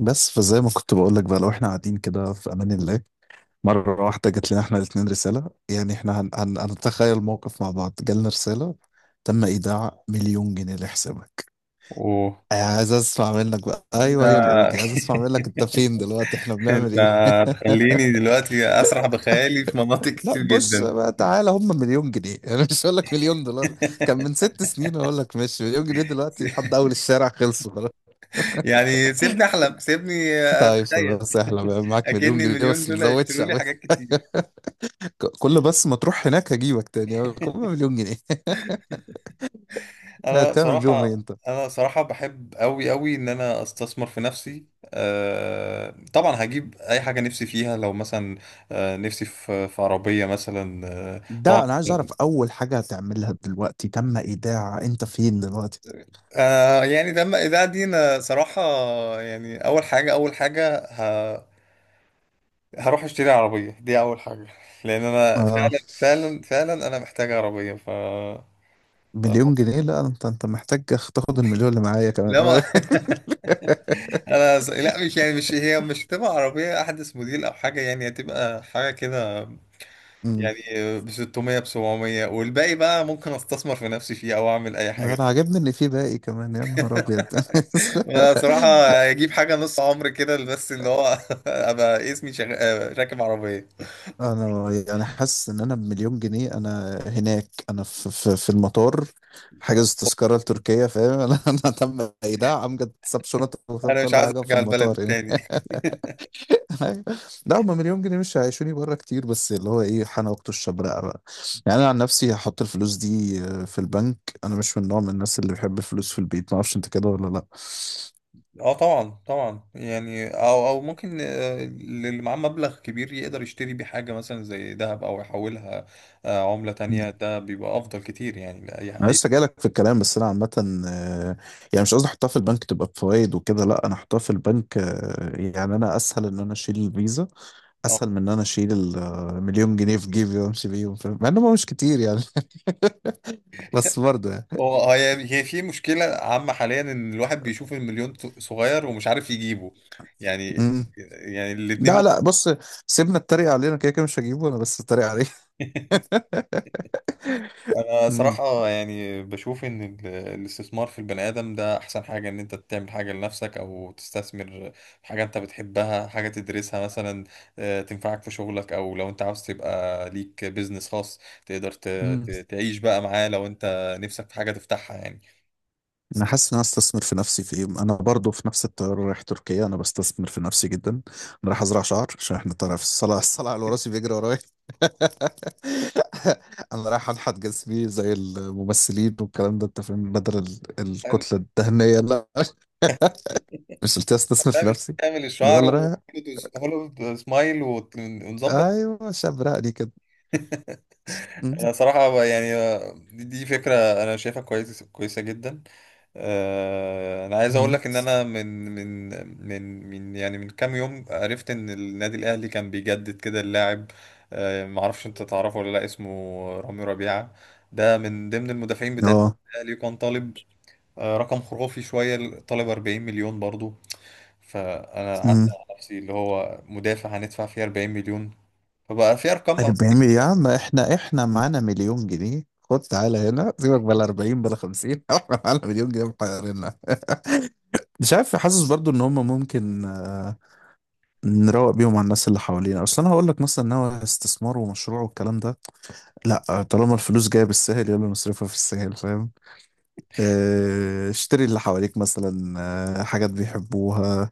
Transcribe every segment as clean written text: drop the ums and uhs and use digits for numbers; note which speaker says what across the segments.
Speaker 1: بس فزي ما كنت بقول لك بقى، لو احنا قاعدين كده في امان الله. مره واحده جت لنا احنا الاثنين رساله، يعني احنا هنتخيل موقف مع بعض جالنا رساله: تم ايداع مليون جنيه لحسابك.
Speaker 2: اوه.
Speaker 1: عايز اسمع منك بقى، ايوه هي
Speaker 2: آه.
Speaker 1: القودي، عايز اسمع منك انت فين دلوقتي، احنا بنعمل
Speaker 2: انت
Speaker 1: ايه؟
Speaker 2: هتخليني دلوقتي اسرح بخيالي في مناطق
Speaker 1: لا
Speaker 2: كتير
Speaker 1: بص
Speaker 2: جدا.
Speaker 1: بقى تعالى، هم مليون جنيه انا مش هقول لك مليون دولار، كان من 6 سنين اقول لك ماشي. مليون جنيه دلوقتي لحد اول الشارع خلصوا خلاص.
Speaker 2: يعني سيبني احلم سيبني
Speaker 1: طيب
Speaker 2: اتخيل.
Speaker 1: خلاص، احلى بقى معاك مليون
Speaker 2: اكن
Speaker 1: جنيه
Speaker 2: المليون
Speaker 1: بس ما
Speaker 2: دول
Speaker 1: تزودش.
Speaker 2: هيشتروا لي حاجات كتير.
Speaker 1: كل بس ما تروح هناك هجيبك تاني، هجيبك مليون جنيه.
Speaker 2: انا
Speaker 1: هتعمل بيهم ايه
Speaker 2: صراحه
Speaker 1: انت؟
Speaker 2: انا صراحه بحب قوي قوي ان انا استثمر في نفسي. أه طبعا، هجيب اي حاجه نفسي فيها، لو مثلا أه، نفسي في عربيه مثلا. أه طبعا.
Speaker 1: ده انا عايز اعرف اول حاجة هتعملها دلوقتي، تم ايداع، انت فين دلوقتي؟
Speaker 2: يعني ده ده دي انا صراحة. يعني هروح اشتري عربية، دي اول حاجة. لان انا
Speaker 1: اه
Speaker 2: فعلا انا محتاج عربية
Speaker 1: مليون
Speaker 2: فالموضوع-
Speaker 1: جنيه، لا انت انت محتاج تاخد المليون اللي معايا
Speaker 2: لا، ما
Speaker 1: كمان.
Speaker 2: لا، مش يعني مش هي مش هتبقى عربية احدث موديل او حاجة، يعني هتبقى حاجة كده،
Speaker 1: امم
Speaker 2: يعني ب 600 ب 700، والباقي بقى ممكن استثمر في نفسي فيه او اعمل اي
Speaker 1: ده
Speaker 2: حاجة.
Speaker 1: انا عاجبني ان في باقي كمان، يا نهار ابيض.
Speaker 2: انا صراحة اجيب حاجة نص عمر كده، بس اللي هو ابقى اسمي شغ... آه، راكب عربية.
Speaker 1: انا يعني حاسس ان انا بمليون جنيه انا هناك، انا في المطار، حاجز تذكره لتركيا فاهم. انا تم ايداع، امجد ساب شنط وساب
Speaker 2: انا مش
Speaker 1: كل
Speaker 2: عايز
Speaker 1: حاجه في
Speaker 2: ارجع البلد دي
Speaker 1: المطار يعني.
Speaker 2: تاني.
Speaker 1: لا هم مليون جنيه مش هيعيشوني بره كتير، بس اللي هو ايه، حان وقت الشبرقه بقى. يعني انا عن نفسي هحط الفلوس دي في البنك. انا مش من نوع من الناس اللي بيحب الفلوس في البيت، ما اعرفش انت كده ولا.
Speaker 2: اه طبعا طبعا، يعني او ممكن اللي معاه مبلغ كبير يقدر يشتري بيه حاجه مثلا زي ذهب، او يحولها عمله تانية،
Speaker 1: لا
Speaker 2: ده بيبقى افضل كتير يعني لاي
Speaker 1: انا
Speaker 2: اي.
Speaker 1: لسه جايلك في الكلام، بس انا عامه آه، يعني مش قصدي احطها في البنك تبقى بفوائد وكده، لا انا احطها في البنك يعني انا اسهل ان انا اشيل الفيزا،
Speaker 2: آه.
Speaker 1: اسهل من ان انا اشيل المليون جنيه في جيبي وامشي بيهم فاهم؟ مع انهم مش كتير يعني. بس برضه يعني،
Speaker 2: هو هي هي في مشكله عامه حاليا، ان الواحد بيشوف المليون صغير ومش عارف يجيبه. يعني
Speaker 1: مم.
Speaker 2: الاتنين.
Speaker 1: لا لا بص، سيبنا التريق علينا كده كده، مش هجيبه انا بس اتريق عليه.
Speaker 2: انا
Speaker 1: مم.
Speaker 2: صراحة يعني بشوف ان الاستثمار في البني ادم ده احسن حاجة، ان انت تعمل حاجة لنفسك او تستثمر في حاجة انت بتحبها، حاجة تدرسها مثلا تنفعك في شغلك، او لو انت عاوز تبقى ليك بيزنس خاص تقدر
Speaker 1: مم.
Speaker 2: تعيش بقى معاه، لو انت نفسك في حاجة تفتحها يعني.
Speaker 1: انا حاسس ان انا استثمر في نفسي في ايه، انا برضو في نفس الطياره رايح تركيا، انا بستثمر في نفسي جدا، انا رايح ازرع شعر عشان احنا طالع في الصلاه، الصلاه على راسي بيجري ورايا. انا رايح انحت جسمي زي الممثلين والكلام ده انت فاهم، بدل الكتله الدهنيه لا. مش قلت استثمر في
Speaker 2: تعمل
Speaker 1: نفسي،
Speaker 2: تعمل
Speaker 1: ده
Speaker 2: الشعر
Speaker 1: اللي رايح.
Speaker 2: وهوليوود سمايل ونظبط.
Speaker 1: ايوه شاب رقلي كده. م-
Speaker 2: انا صراحة يعني دي فكرة انا شايفها كويسة جدا. انا عايز اقول
Speaker 1: م.
Speaker 2: لك ان انا من من يعني من كام يوم عرفت ان النادي الاهلي كان بيجدد كده اللاعب معرفش انت تعرفه ولا لا. اسمه رامي ربيعة، ده من ضمن المدافعين بتاع
Speaker 1: اه
Speaker 2: الاهلي. كان طالب رقم خرافي شوية، طالب 40 مليون برضو. فانا
Speaker 1: م.
Speaker 2: قعدت على نفسي، اللي هو مدافع هندفع فيه 40 مليون، فبقى في ارقام.
Speaker 1: اللي بيعمل يا عم، احنا معانا مليون جنيه، خد تعالى هنا سيبك بلا 40 بلا 50 احنا معانا مليون جنيه محيرنا، مش عارف. حاسس برضو ان هم ممكن نروق بيهم على الناس اللي حوالينا، اصل انا هقول لك مثلا ان هو استثمار ومشروع والكلام ده لا، طالما الفلوس جايه بالسهل يلا نصرفها في السهل فاهم، اشتري اللي حواليك مثلا، حاجات بيحبوها،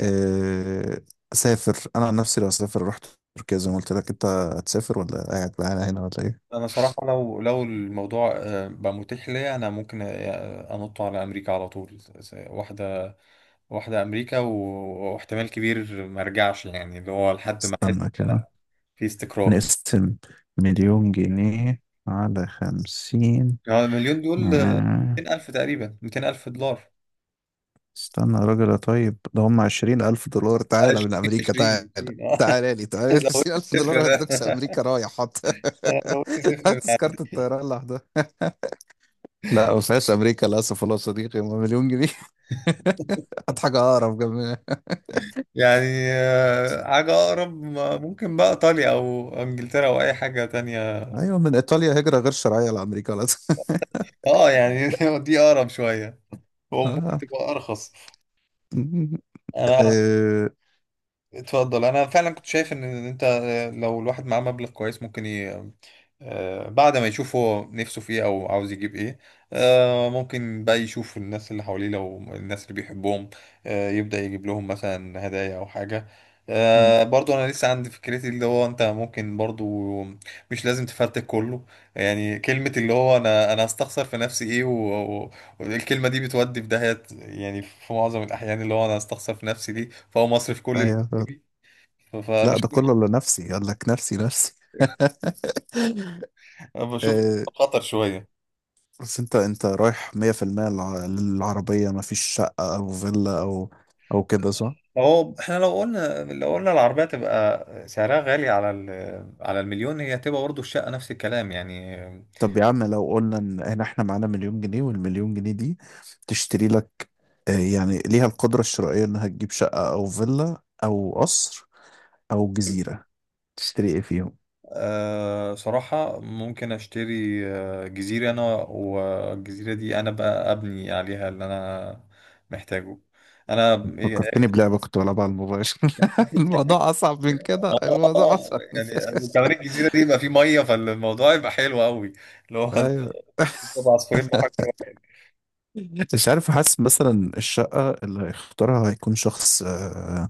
Speaker 1: آه، سافر انا عن نفسي لو اسافر رحت تركيا زي ما قلت لك. انت هتسافر ولا قاعد معانا هنا ولا ايه؟
Speaker 2: انا صراحه لو الموضوع بقى متاح ليا، انا ممكن انط على امريكا على طول، واحده امريكا واحتمال كبير ما ارجعش، يعني اللي هو لحد ما احس
Speaker 1: استنى
Speaker 2: إن
Speaker 1: كده،
Speaker 2: انا في استقرار.
Speaker 1: نقسم مليون جنيه على 50.
Speaker 2: يعني هو المليون دول
Speaker 1: آه.
Speaker 2: 200 الف تقريبا، 200 الف دولار.
Speaker 1: استنى يا راجل يا طيب، ده هم 20,000 دولار، تعالى
Speaker 2: 20،
Speaker 1: من أمريكا تعالى،
Speaker 2: 20، 20، اه.
Speaker 1: تعالى لي تعالى.
Speaker 2: زودت
Speaker 1: عشرين ألف
Speaker 2: صفر
Speaker 1: دولار
Speaker 2: ده.
Speaker 1: هتدوكس أمريكا، رايح حط.
Speaker 2: انا زودت صفر
Speaker 1: هات
Speaker 2: ده.
Speaker 1: تذكرة الطيران لوحدها، لا ما فيهاش أمريكا للأسف، والله يا صديقي هم مليون جنيه. هات حاجة أقرب جنبنا.
Speaker 2: يعني حاجه اقرب ممكن بقى ايطاليا او انجلترا او اي حاجه تانية.
Speaker 1: أيوة، من إيطاليا هجرة غير شرعية لأمريكا للأسف.
Speaker 2: اه يعني دي اقرب شويه، هو ممكن
Speaker 1: آه.
Speaker 2: تبقى ارخص. انا
Speaker 1: آه.
Speaker 2: اتفضل. انا فعلا كنت شايف ان انت لو الواحد معاه مبلغ كويس ممكن ي... آه، بعد ما يشوف هو نفسه في ايه، او عاوز يجيب ايه ممكن بقى يشوف الناس اللي حواليه، لو الناس اللي بيحبهم يبدأ يجيب لهم مثلا هدايا او حاجة. برضو انا لسه عندي فكرتي، اللي هو انت ممكن برضو مش لازم تفرتك كله. يعني كلمة اللي هو انا هستخسر في نفسي ايه والكلمة دي بتودي في داهية، يعني في معظم الاحيان اللي هو انا هستخسر في نفسي دي، فهو مصرف كل
Speaker 1: أيوة،
Speaker 2: ف-
Speaker 1: لا ده
Speaker 2: فبشوف
Speaker 1: كله لنفسي، قال لك نفسي نفسي.
Speaker 2: بشوف
Speaker 1: آه.
Speaker 2: خطر شوية.
Speaker 1: بس انت انت رايح 100% للعربية، مفيش شقة او فيلا او او كده صح؟
Speaker 2: هو احنا لو قلنا العربية تبقى سعرها غالي على على المليون، هي هتبقى برضه الشقة نفس الكلام يعني.
Speaker 1: طب يا عم لو قلنا ان هنا احنا معانا مليون جنيه، والمليون جنيه دي تشتري لك يعني ليها القدرة الشرائية انها تجيب شقة او فيلا او قصر او جزيرة، تشتري ايه فيهم؟
Speaker 2: أه صراحة ممكن اشتري جزيرة، انا والجزيرة دي انا بقى ابني عليها اللي انا محتاجه انا.
Speaker 1: فكرتني بلعبة كنت بلعبها على الموبايل. الموضوع اصعب من كده، الموضوع اصعب من كده.
Speaker 2: يعني وكمان الجزيرة دي يبقى فيه مية، فالموضوع يبقى حلو قوي، اللي هو
Speaker 1: ايوه.
Speaker 2: عصفورين بحجر واحد.
Speaker 1: مش عارف، حاسس مثلا الشقة اللي هيختارها هيكون شخص آه،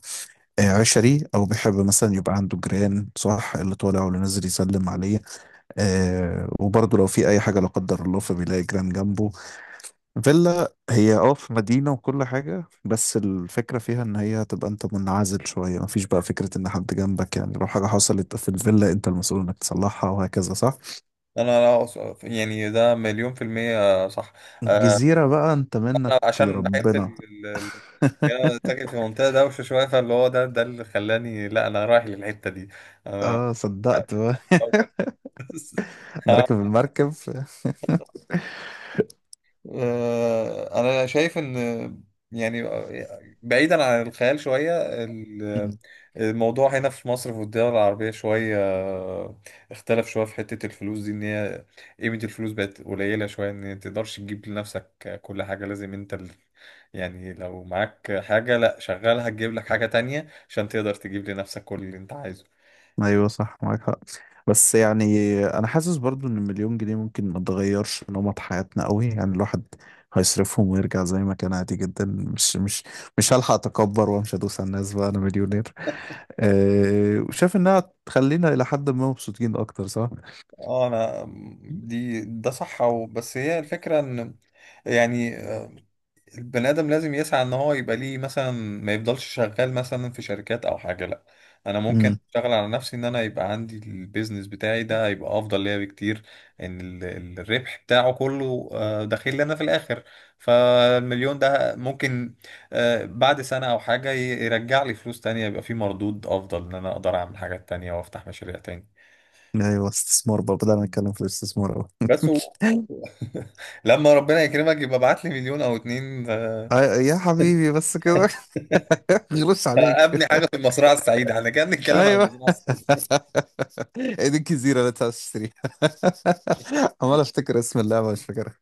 Speaker 1: آه، عشري، أو بيحب مثلا يبقى عنده جيران، صح؟ اللي طالع واللي نازل يسلم عليه، وبرضه لو في أي حاجة لا قدر الله فبيلاقي جيران جنبه. فيلا هي اه في مدينة وكل حاجة، بس الفكرة فيها إن هي تبقى أنت منعزل شوية، مفيش بقى فكرة إن حد جنبك، يعني لو حاجة حصلت في الفيلا أنت المسؤول إنك تصلحها وهكذا صح.
Speaker 2: انا لا أص- يعني ده مليون في المية صح.
Speaker 1: الجزيرة بقى أنت
Speaker 2: انا
Speaker 1: منك
Speaker 2: عشان بحب
Speaker 1: لربنا.
Speaker 2: يعني انا ساكن في منطقة دوشة شوية، فاللي هو ده اللي خلاني، لا انا رايح للحتة دي انا.
Speaker 1: اه صدقت، انا راكب المركب.
Speaker 2: انا شايف ان يعني بعيدا عن الخيال شوية، ال-
Speaker 1: مم.
Speaker 2: الموضوع هنا في مصر، في الدول العربية شوية، اختلف شوية في حتة الفلوس دي، ان هي قيمة الفلوس بقت قليلة شوية، ان انت تقدرش تجيب لنفسك كل حاجة، لازم انت يعني لو معاك حاجة لا شغالها تجيب لك حاجة تانية عشان تقدر تجيب لنفسك كل اللي انت عايزه.
Speaker 1: ايوه صح معاك حق، بس يعني انا حاسس برضو ان المليون جنيه ممكن ما تغيرش نمط حياتنا قوي، يعني الواحد هيصرفهم ويرجع زي ما كان عادي جدا، مش هلحق اتكبر وامشي ادوس على الناس بقى انا مليونير. أه، وشايف انها تخلينا الى حد ما مبسوطين اكتر صح؟
Speaker 2: اه انا، دي ده صح، أو بس هي الفكرة ان يعني البني ادم لازم يسعى ان هو يبقى ليه، مثلا ما يفضلش شغال مثلا في شركات او حاجه، لا، انا ممكن
Speaker 1: امم.
Speaker 2: اشتغل على نفسي ان انا يبقى عندي البيزنس بتاعي، ده هيبقى افضل ليا بكتير، ان الربح بتاعه كله داخل لي انا في الاخر. فالمليون ده ممكن بعد سنه او حاجه يرجع لي فلوس تانية، يبقى في مردود افضل، ان انا اقدر اعمل حاجات تانية وافتح مشاريع تاني.
Speaker 1: ايوه استثمار بقى، بدأنا نتكلم في الاستثمار قوي.
Speaker 2: بس و... لما ربنا يكرمك يبقى ابعت لي مليون او اتنين
Speaker 1: يا حبيبي بس كده. غلوش
Speaker 2: ابني
Speaker 1: عليك.
Speaker 2: حاجه في المزرعه السعيده، احنا كنا بنتكلم عن
Speaker 1: ايوه.
Speaker 2: المزرعه السعيده.
Speaker 1: ايدين كثيره لا تشتري. عمال افتكر اسم اللعبه مش فاكرها.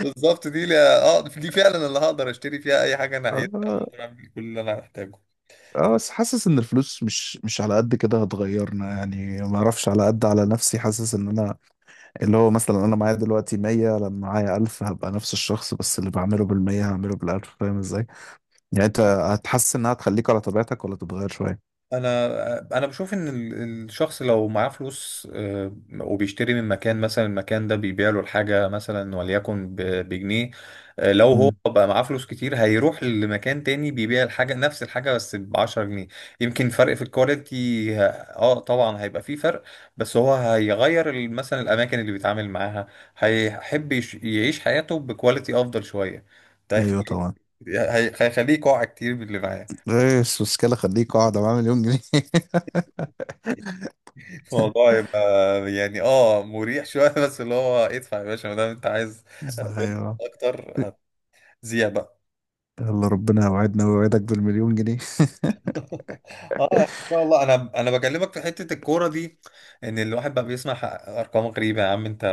Speaker 2: بالظبط دي لي. اه دي فعلا اللي هقدر اشتري فيها اي حاجه انا عايزها،
Speaker 1: اه
Speaker 2: اقدر اعمل كل اللي انا محتاجه.
Speaker 1: بس حاسس ان الفلوس مش على قد كده هتغيرنا، يعني ما اعرفش، على قد على نفسي حاسس ان انا، اللي هو مثلا انا معايا دلوقتي 100 لما معايا 1000 هبقى نفس الشخص، بس اللي بعمله بال100 هعمله بال1000 فاهم ازاي؟ يعني انت هتحس انها تخليك على طبيعتك ولا تتغير شويه؟
Speaker 2: انا بشوف ان الشخص لو معاه فلوس وبيشتري من مكان، مثلا المكان ده بيبيع له الحاجه مثلا وليكن بجنيه، لو هو
Speaker 1: امم.
Speaker 2: بقى معاه فلوس كتير هيروح لمكان تاني بيبيع الحاجه، نفس الحاجه، بس ب 10 جنيه. يمكن فرق في الكواليتي اه طبعا هيبقى فيه فرق، بس هو هيغير مثلا الاماكن اللي بيتعامل معاها، هيحب يعيش حياته بكواليتي افضل شويه. ده
Speaker 1: ايوه
Speaker 2: هيخليه،
Speaker 1: طبعا.
Speaker 2: هيخليه يقع كتير باللي معاه.
Speaker 1: ايه السوسكالة خليك اقعد معاه مليون جنيه.
Speaker 2: الموضوع يبقى يعني اه مريح شوية، بس اللي هو ادفع يا باشا ما دام انت عايز
Speaker 1: ايوه.
Speaker 2: اكتر، هتذيع بقى.
Speaker 1: يلا ربنا يوعدنا ويوعدك بالمليون جنيه.
Speaker 2: اه ان شاء الله، انا بكلمك في حتة الكورة دي، ان الواحد بقى بيسمع ارقام غريبة. يا عم انت،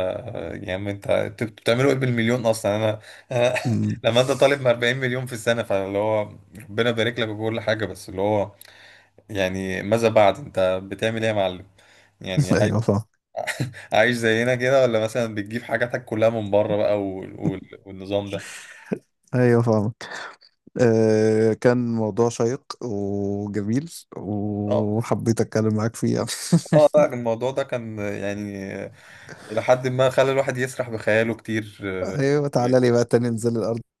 Speaker 2: يا عم انت انتوا بتعملوا ايه بالمليون اصلا؟ انا أنا
Speaker 1: أمم،
Speaker 2: لما انت طالب من 40 مليون في السنة، فاللي هو ربنا يبارك لك وكل حاجة، بس اللي هو يعني ماذا بعد؟ انت بتعمل ايه يا معلم يعني؟
Speaker 1: ايوه فاهم.
Speaker 2: عايش زينا كده، ولا مثلا بتجيب حاجاتك كلها من بره بقى والنظام ده.
Speaker 1: ايوه فاهمك. آه كان موضوع شيق وجميل،
Speaker 2: اه.
Speaker 1: وحبيت اتكلم معاك فيه.
Speaker 2: اه لا، الموضوع ده كان يعني إلى حد ما خلى الواحد يسرح بخياله كتير.
Speaker 1: ايوه تعالى لي بقى تاني ننزل الارض